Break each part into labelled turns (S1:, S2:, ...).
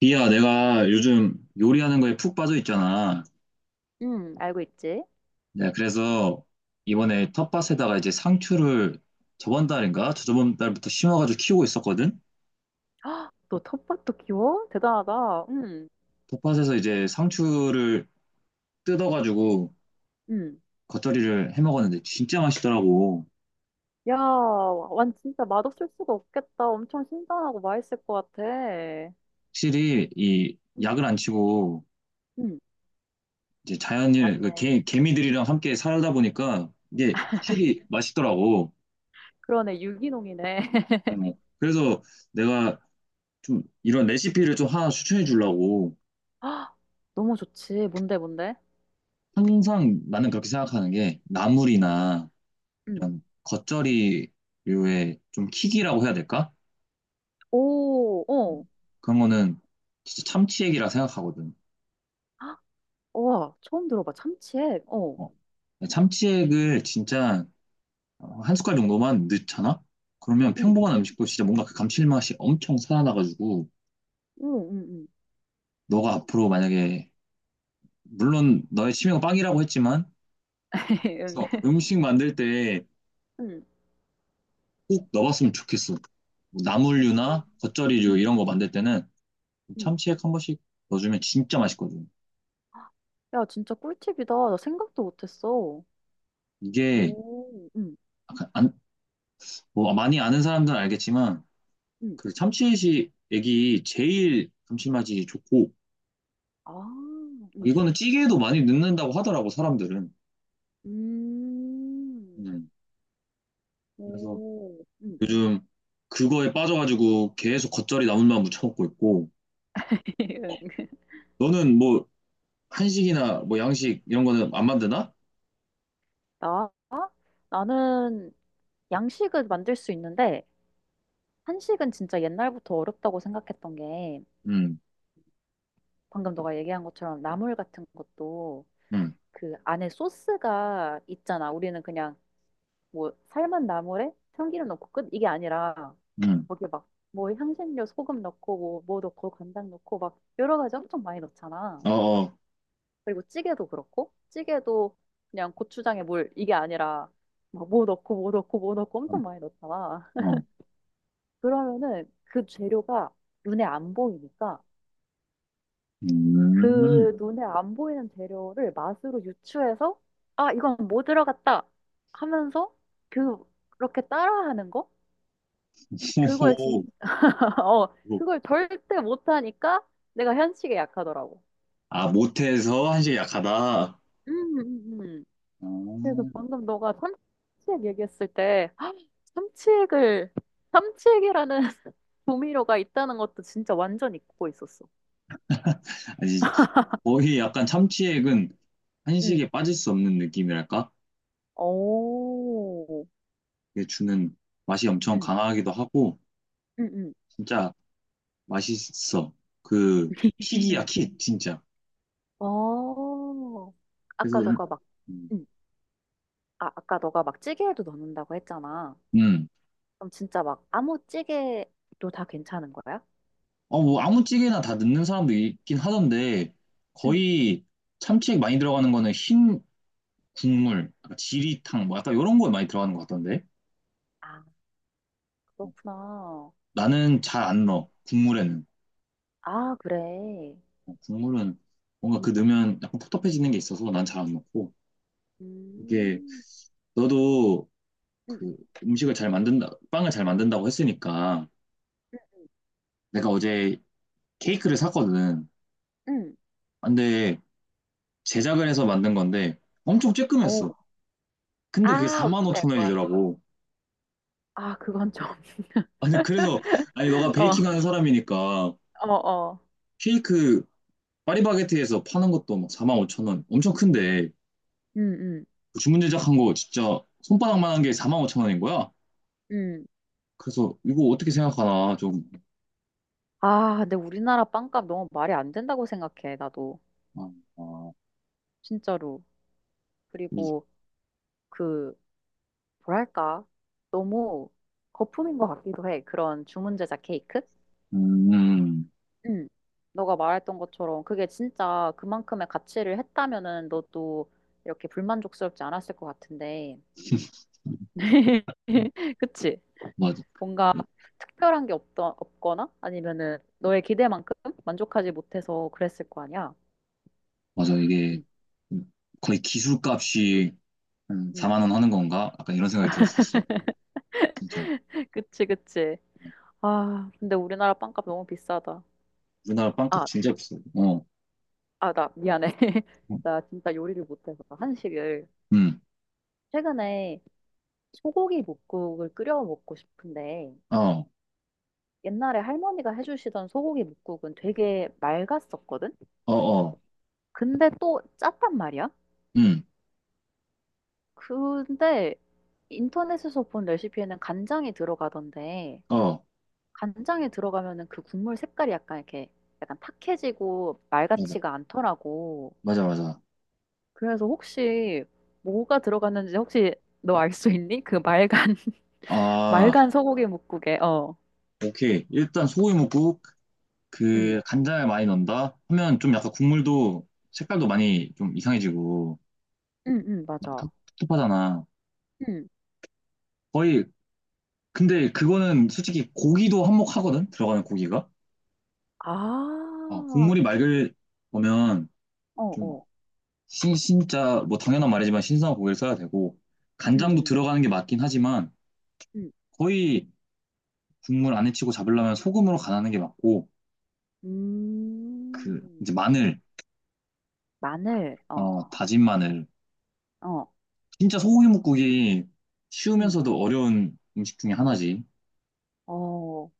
S1: 비야, 내가 요즘 요리하는 거에 푹 빠져 있잖아.
S2: 응, 알고 있지?
S1: 네, 그래서 이번에 텃밭에다가 이제 상추를 저번 달인가? 저저번 달부터 심어가지고 키우고 있었거든?
S2: 헉, 너 텃밭도 키워? 대단하다. 응,
S1: 텃밭에서 이제 상추를 뜯어가지고
S2: 응.
S1: 겉절이를 해 먹었는데 진짜 맛있더라고.
S2: 야, 완 진짜 맛없을 수가 없겠다. 엄청 신선하고 맛있을 것 같아.
S1: 확실히 이
S2: 응,
S1: 약을 안 치고
S2: 응,
S1: 이제 자연일,
S2: 맞네.
S1: 개미들이랑 함께 살다 보니까 이게 확실히 맛있더라고.
S2: 그러네. 유기농이네.
S1: 어, 그래서 내가 좀 이런 레시피를 좀 하나 추천해 주려고.
S2: 아, 너무 좋지. 뭔데, 뭔데?
S1: 항상 나는 그렇게 생각하는 게
S2: 응,
S1: 나물이나
S2: 응.
S1: 이런 겉절이류의 좀 킥이라고 해야 될까?
S2: 오,
S1: 어,
S2: 어.
S1: 그런 거는 진짜 참치액이라 생각하거든.
S2: 아, 와, 처음 들어봐. 참치액. 어.
S1: 어, 참치액을 진짜 한 숟갈 정도만 넣잖아? 그러면
S2: 응,
S1: 평범한 음식도 진짜 뭔가 그 감칠맛이 엄청 살아나가지고
S2: 응, 응, 응.
S1: 너가 앞으로 만약에 물론 너의 취미가 빵이라고 했지만 그래서 음식 만들 때
S2: 응. 응.
S1: 꼭 넣어봤으면 좋겠어. 뭐 나물류나 겉절이류
S2: 응,
S1: 이런 거 만들 때는
S2: 응.
S1: 참치액 한 번씩 넣어주면 진짜 맛있거든.
S2: 야, 진짜 꿀팁이다. 나 생각도 못했어.
S1: 이게
S2: 오, 응.
S1: 약간 안, 뭐 많이 아는 사람들은 알겠지만
S2: 응.
S1: 그 참치액이 액이 제일 감칠맛이 좋고
S2: 아, 응.
S1: 이거는 찌개에도 많이 넣는다고 하더라고 사람들은.
S2: 음.
S1: 음, 그래서
S2: 오. 응.
S1: 요즘 그거에 빠져가지고 계속 겉절이 나물만 무쳐 먹고 있고
S2: 응.
S1: 너는 뭐 한식이나 뭐 양식 이런 거는 안 만드나?
S2: 나? 나는 양식은 만들 수 있는데, 한식은 진짜 옛날부터 어렵다고 생각했던 게,
S1: 음,
S2: 방금 너가 얘기한 것처럼 나물 같은 것도
S1: 음,
S2: 그 안에 소스가 있잖아. 우리는 그냥 뭐 삶은 나물에 참기름 넣고 끝 이게 아니라,
S1: 음,
S2: 거기 막 뭐 향신료 소금 넣고 뭐 넣고 간장 넣고 막 여러 가지 엄청 많이 넣잖아.
S1: 어, 어,
S2: 그리고 찌개도 그렇고, 찌개도 그냥 고추장에 물, 이게 아니라 막 뭐 넣고 뭐 넣고 뭐 넣고
S1: 어,
S2: 엄청 많이 넣잖아.
S1: 어.
S2: 그러면은 그 재료가 눈에 안 보이니까
S1: 음.
S2: 그 눈에 안 보이는 재료를 맛으로 유추해서 아, 이건 뭐 들어갔다 하면서 그, 그렇게 따라하는 거? 그걸
S1: 호호.
S2: 진짜, 어, 그걸 절대 못하니까 내가 현식에 약하더라고.
S1: 아, 못해서 한식이 약하다.
S2: 음, 음, 음. 그래서
S1: 음.
S2: 방금 너가 삼치액 얘기했을 때 헉, 삼치액을 삼치액이라는 조미료가 있다는 것도 진짜 완전 잊고 있었어.
S1: 아니, 거의 약간 참치액은
S2: 응.
S1: 한식에 빠질 수 없는 느낌이랄까?
S2: 오.
S1: 이게 주는 맛이 엄청
S2: 응,
S1: 강하기도 하고,
S2: 응, 응.
S1: 진짜 맛있어. 그, 킥이야,
S2: 응.
S1: 킥, 진짜.
S2: 어.
S1: 그래서,
S2: 아까 너가 막
S1: 음,
S2: 응. 아, 아까 너가 막 찌개에도 넣는다고 했잖아.
S1: 음.
S2: 그럼 진짜 막 아무 찌개도 다 괜찮은 거야?
S1: 어, 뭐, 아무 찌개나 다 넣는 사람도 있긴 하던데,
S2: 응.
S1: 거의 참치액 많이 들어가는 거는 흰 국물, 약간 지리탕, 뭐, 약간 이런 거에 많이 들어가는 것 같던데.
S2: 아, 그렇구나.
S1: 나는 잘 안
S2: 응.
S1: 넣어, 국물에는.
S2: 아, 그래.
S1: 어, 국물은 뭔가 그 넣으면 약간 텁텁해지는 게 있어서 난 잘 안 넣고 이게
S2: 음.
S1: 너도
S2: 응.
S1: 그 음식을 잘 만든다 빵을 잘 만든다고 했으니까
S2: 응.
S1: 내가 어제 케이크를 샀거든.
S2: 응.
S1: 근데 제작을 해서 만든 건데 엄청
S2: 응.
S1: 쬐끔했어. 근데 그게
S2: 아, 뭔지
S1: 4만 5천
S2: 알것 같아.
S1: 원이더라고.
S2: 아, 그건 좀.
S1: 아니 그래서 아니 너가
S2: 어,
S1: 베이킹하는 사람이니까
S2: 어, 어.
S1: 케이크 파리바게트에서 파는 것도 막 4만 5천 원 엄청 큰데
S2: 음, 음,
S1: 그 주문 제작한 거 진짜 손바닥만한 게 4만 5천 원인 거야.
S2: 음.
S1: 그래서 이거 어떻게 생각하나 좀
S2: 아, 근데 우리나라 빵값 너무 말이 안 된다고 생각해, 나도.
S1: 어, 어,
S2: 진짜로.
S1: 이-
S2: 그리고 그, 뭐랄까. 너무 거품인 것 같기도 해. 그런 주문 제작 케이크?
S1: 음,
S2: 응. 너가 말했던 것처럼 그게 진짜 그만큼의 가치를 했다면은 너도 이렇게 불만족스럽지 않았을 것 같은데. 그치?
S1: 맞아.
S2: 뭔가 특별한 게 없거나 아니면은 너의 기대만큼 만족하지 못해서 그랬을 거 아니야.
S1: 맞아. 이게
S2: 응,
S1: 거의 기술값이 한
S2: 응.
S1: 4만 원 하는 건가? 약간 이런 생각이 들었었어. 진짜.
S2: 그치, 그치. 아, 근데 우리나라 빵값 너무 비싸다.
S1: 우리나라 빵값
S2: 아,
S1: 진짜 비싸. 어,
S2: 아, 나 미안해. 나 진짜 요리를 못해서 한식을.
S1: 음,
S2: 최근에 소고기 뭇국을 끓여 먹고 싶은데
S1: 어,
S2: 옛날에 할머니가 해주시던 소고기 뭇국은 되게 맑았었거든?
S1: 어, 어,
S2: 근데 또 짰단 말이야?
S1: 음,
S2: 근데 인터넷에서 본 레시피에는 간장이 들어가던데
S1: 어,
S2: 간장에 들어가면은 그 국물 색깔이 약간 이렇게 약간 탁해지고
S1: 맞아.
S2: 말같지가 않더라고.
S1: 맞아, 맞아.
S2: 그래서 혹시 뭐가 들어갔는지 혹시 너 알 수 있니? 그 말간
S1: 아,
S2: 말간 소고기 뭇국에 어.
S1: 오케이. 일단 소고기 먹고
S2: 응.
S1: 그 간장을 많이 넣는다 하면 좀 약간 국물도 색깔도 많이 좀 이상해지고
S2: 응, 응,
S1: 막
S2: 맞아.
S1: 텁텁하잖아.
S2: 응.
S1: 거의 근데 그거는 솔직히 고기도 한몫하거든? 들어가는 고기가.
S2: 아.
S1: 아, 국물이 맑을 거면
S2: 어,
S1: 좀
S2: 어.
S1: 진짜 뭐 당연한 말이지만 신선한 고기를 써야 되고
S2: 응,
S1: 간장도
S2: 응.
S1: 들어가는 게 맞긴 하지만
S2: 응.
S1: 거의 국물 안에 치고 잡으려면 소금으로 간하는 게 맞고 그
S2: 음.
S1: 이제 마늘,
S2: 마늘. 어.
S1: 어, 다진 마늘.
S2: 어.
S1: 진짜 소고기 뭇국이
S2: 응.
S1: 쉬우면서도 어려운 음식 중에 하나지.
S2: 어.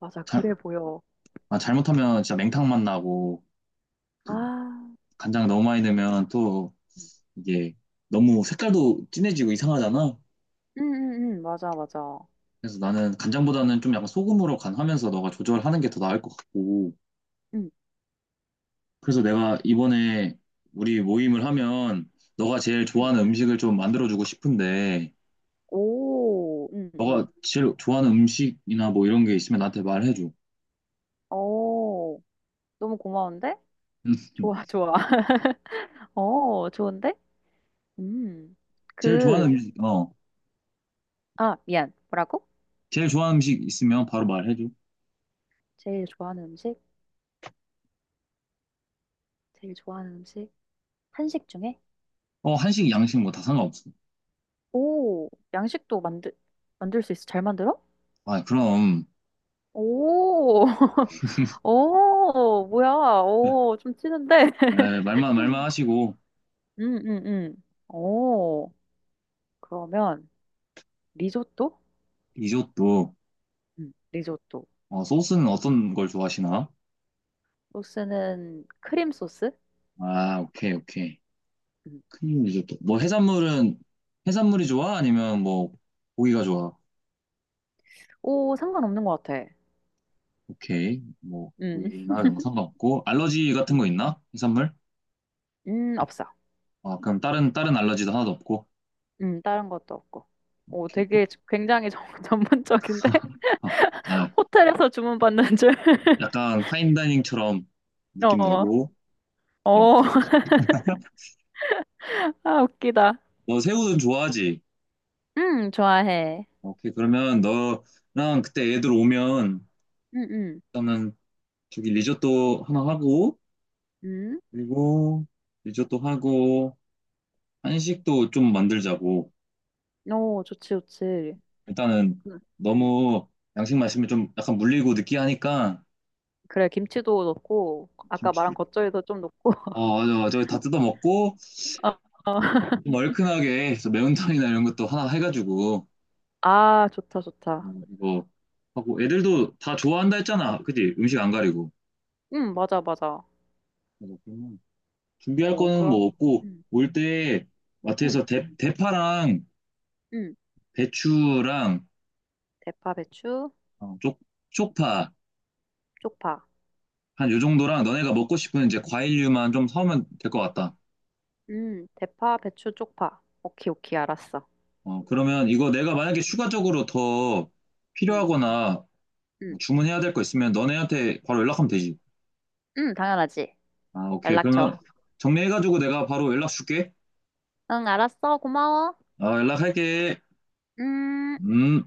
S2: 맞아.
S1: 잘,
S2: 그래 보여.
S1: 아, 잘못하면 진짜 맹탕 맛 나고 또
S2: 아.
S1: 간장 너무 많이 넣으면 또
S2: 응,
S1: 이게 너무 색깔도 진해지고 이상하잖아.
S2: 응, 응. 맞아, 맞아.
S1: 그래서 나는 간장보다는 좀 약간 소금으로 간하면서 너가 조절하는 게 더 나을 것 같고.
S2: 응.
S1: 그래서 내가 이번에 우리 모임을 하면 너가 제일
S2: 응.
S1: 좋아하는 음식을 좀 만들어주고 싶은데,
S2: 오, 응응
S1: 너가
S2: 응
S1: 제일 좋아하는 음식이나 뭐 이런 게 있으면 나한테 말해줘.
S2: 어, 너무 고마운데? 좋아, 좋아. 어, 좋은데? 음.
S1: 제일
S2: 그,
S1: 좋아하는 음식, 어.
S2: 아, 미안. 뭐라고?
S1: 제일 좋아하는 음식 있으면 바로 말해줘.
S2: 제일 좋아하는 음식? 제일 좋아하는 음식? 한식 중에?
S1: 어, 한식, 양식 뭐 다 상관없어.
S2: 오, 만들 수 있어. 잘 만들어?
S1: 아, 그럼.
S2: 오, 오, 뭐야. 오, 좀 찌는데?
S1: 에, 말만 하시고,
S2: 음, 음, 음. 오, 그러면, 리조또?
S1: 리조또.
S2: 리조또.
S1: 어, 소스는 어떤 걸 좋아하시나?
S2: 소스는 크림 소스?
S1: 아, 오케이, 오케이. 크림 리조또. 뭐 해산물은 해산물이 좋아? 아니면 뭐 고기가 좋아?
S2: 오, 상관없는 것 같아.
S1: 오케이. 뭐
S2: 음,
S1: 고기나 이런 거 상관없고 알러지 같은
S2: 음,
S1: 거 있나? 해산물?
S2: 없어.
S1: 아 그럼 다른 알러지도 하나도 없고.
S2: 다른 것도 없고. 오,
S1: 오케이. 어?
S2: 되게 굉장히 전문적인데?
S1: 아, 아,
S2: 호텔에서 주문받는 줄.
S1: 약간 파인다이닝처럼 느낌
S2: 어,
S1: 내고. 오케이.
S2: 어, 아, 웃기다.
S1: 너 새우는 좋아하지?
S2: 좋아해.
S1: 오케이. 그러면 너랑 그때 애들 오면
S2: 음, 음,
S1: 일단은 저기 리조또 하나 하고
S2: 음.
S1: 그리고 리조또 하고 한식도 좀 만들자고.
S2: 오, 좋지, 좋지.
S1: 일단은
S2: 음, 음.
S1: 너무 양식 마시면 좀 약간 물리고 느끼하니까
S2: 그래, 김치도 넣고, 아까
S1: 김치
S2: 말한 겉절이도 좀 넣고.
S1: 어 맞아 저기 다 뜯어 먹고
S2: 어, 어.
S1: 좀 얼큰하게 저 매운탕이나 이런 것도 하나 해가지고
S2: 아, 좋다,
S1: 어,
S2: 좋다.
S1: 이거 하고 애들도 다 좋아한다 했잖아 그지 음식 안 가리고
S2: 맞아, 맞아.
S1: 맞아, 그러면 준비할
S2: 오,
S1: 거는 뭐
S2: 그럼.
S1: 없고
S2: 음,
S1: 올 때
S2: 음,
S1: 마트에서 대파랑
S2: 음.
S1: 배추랑
S2: 대파, 배추,
S1: 어, 쪽 쪽파
S2: 쪽파.
S1: 한 요 정도랑 너네가 먹고 싶은 이제 과일류만 좀 사오면 될 것 같다.
S2: 대파, 배추, 쪽파. 오케이, 오케이, 알았어.
S1: 어, 그러면 이거 내가 만약에 추가적으로 더
S2: 음,
S1: 필요하거나
S2: 음,
S1: 뭐 주문해야 될 거 있으면 너네한테 바로 연락하면 되지.
S2: 당연하지.
S1: 아, 오케이.
S2: 연락 줘.
S1: 그러면 정리해가지고 내가 바로 연락 줄게.
S2: 응, 알았어. 고마워.
S1: 아, 연락할게.
S2: 음.
S1: 음.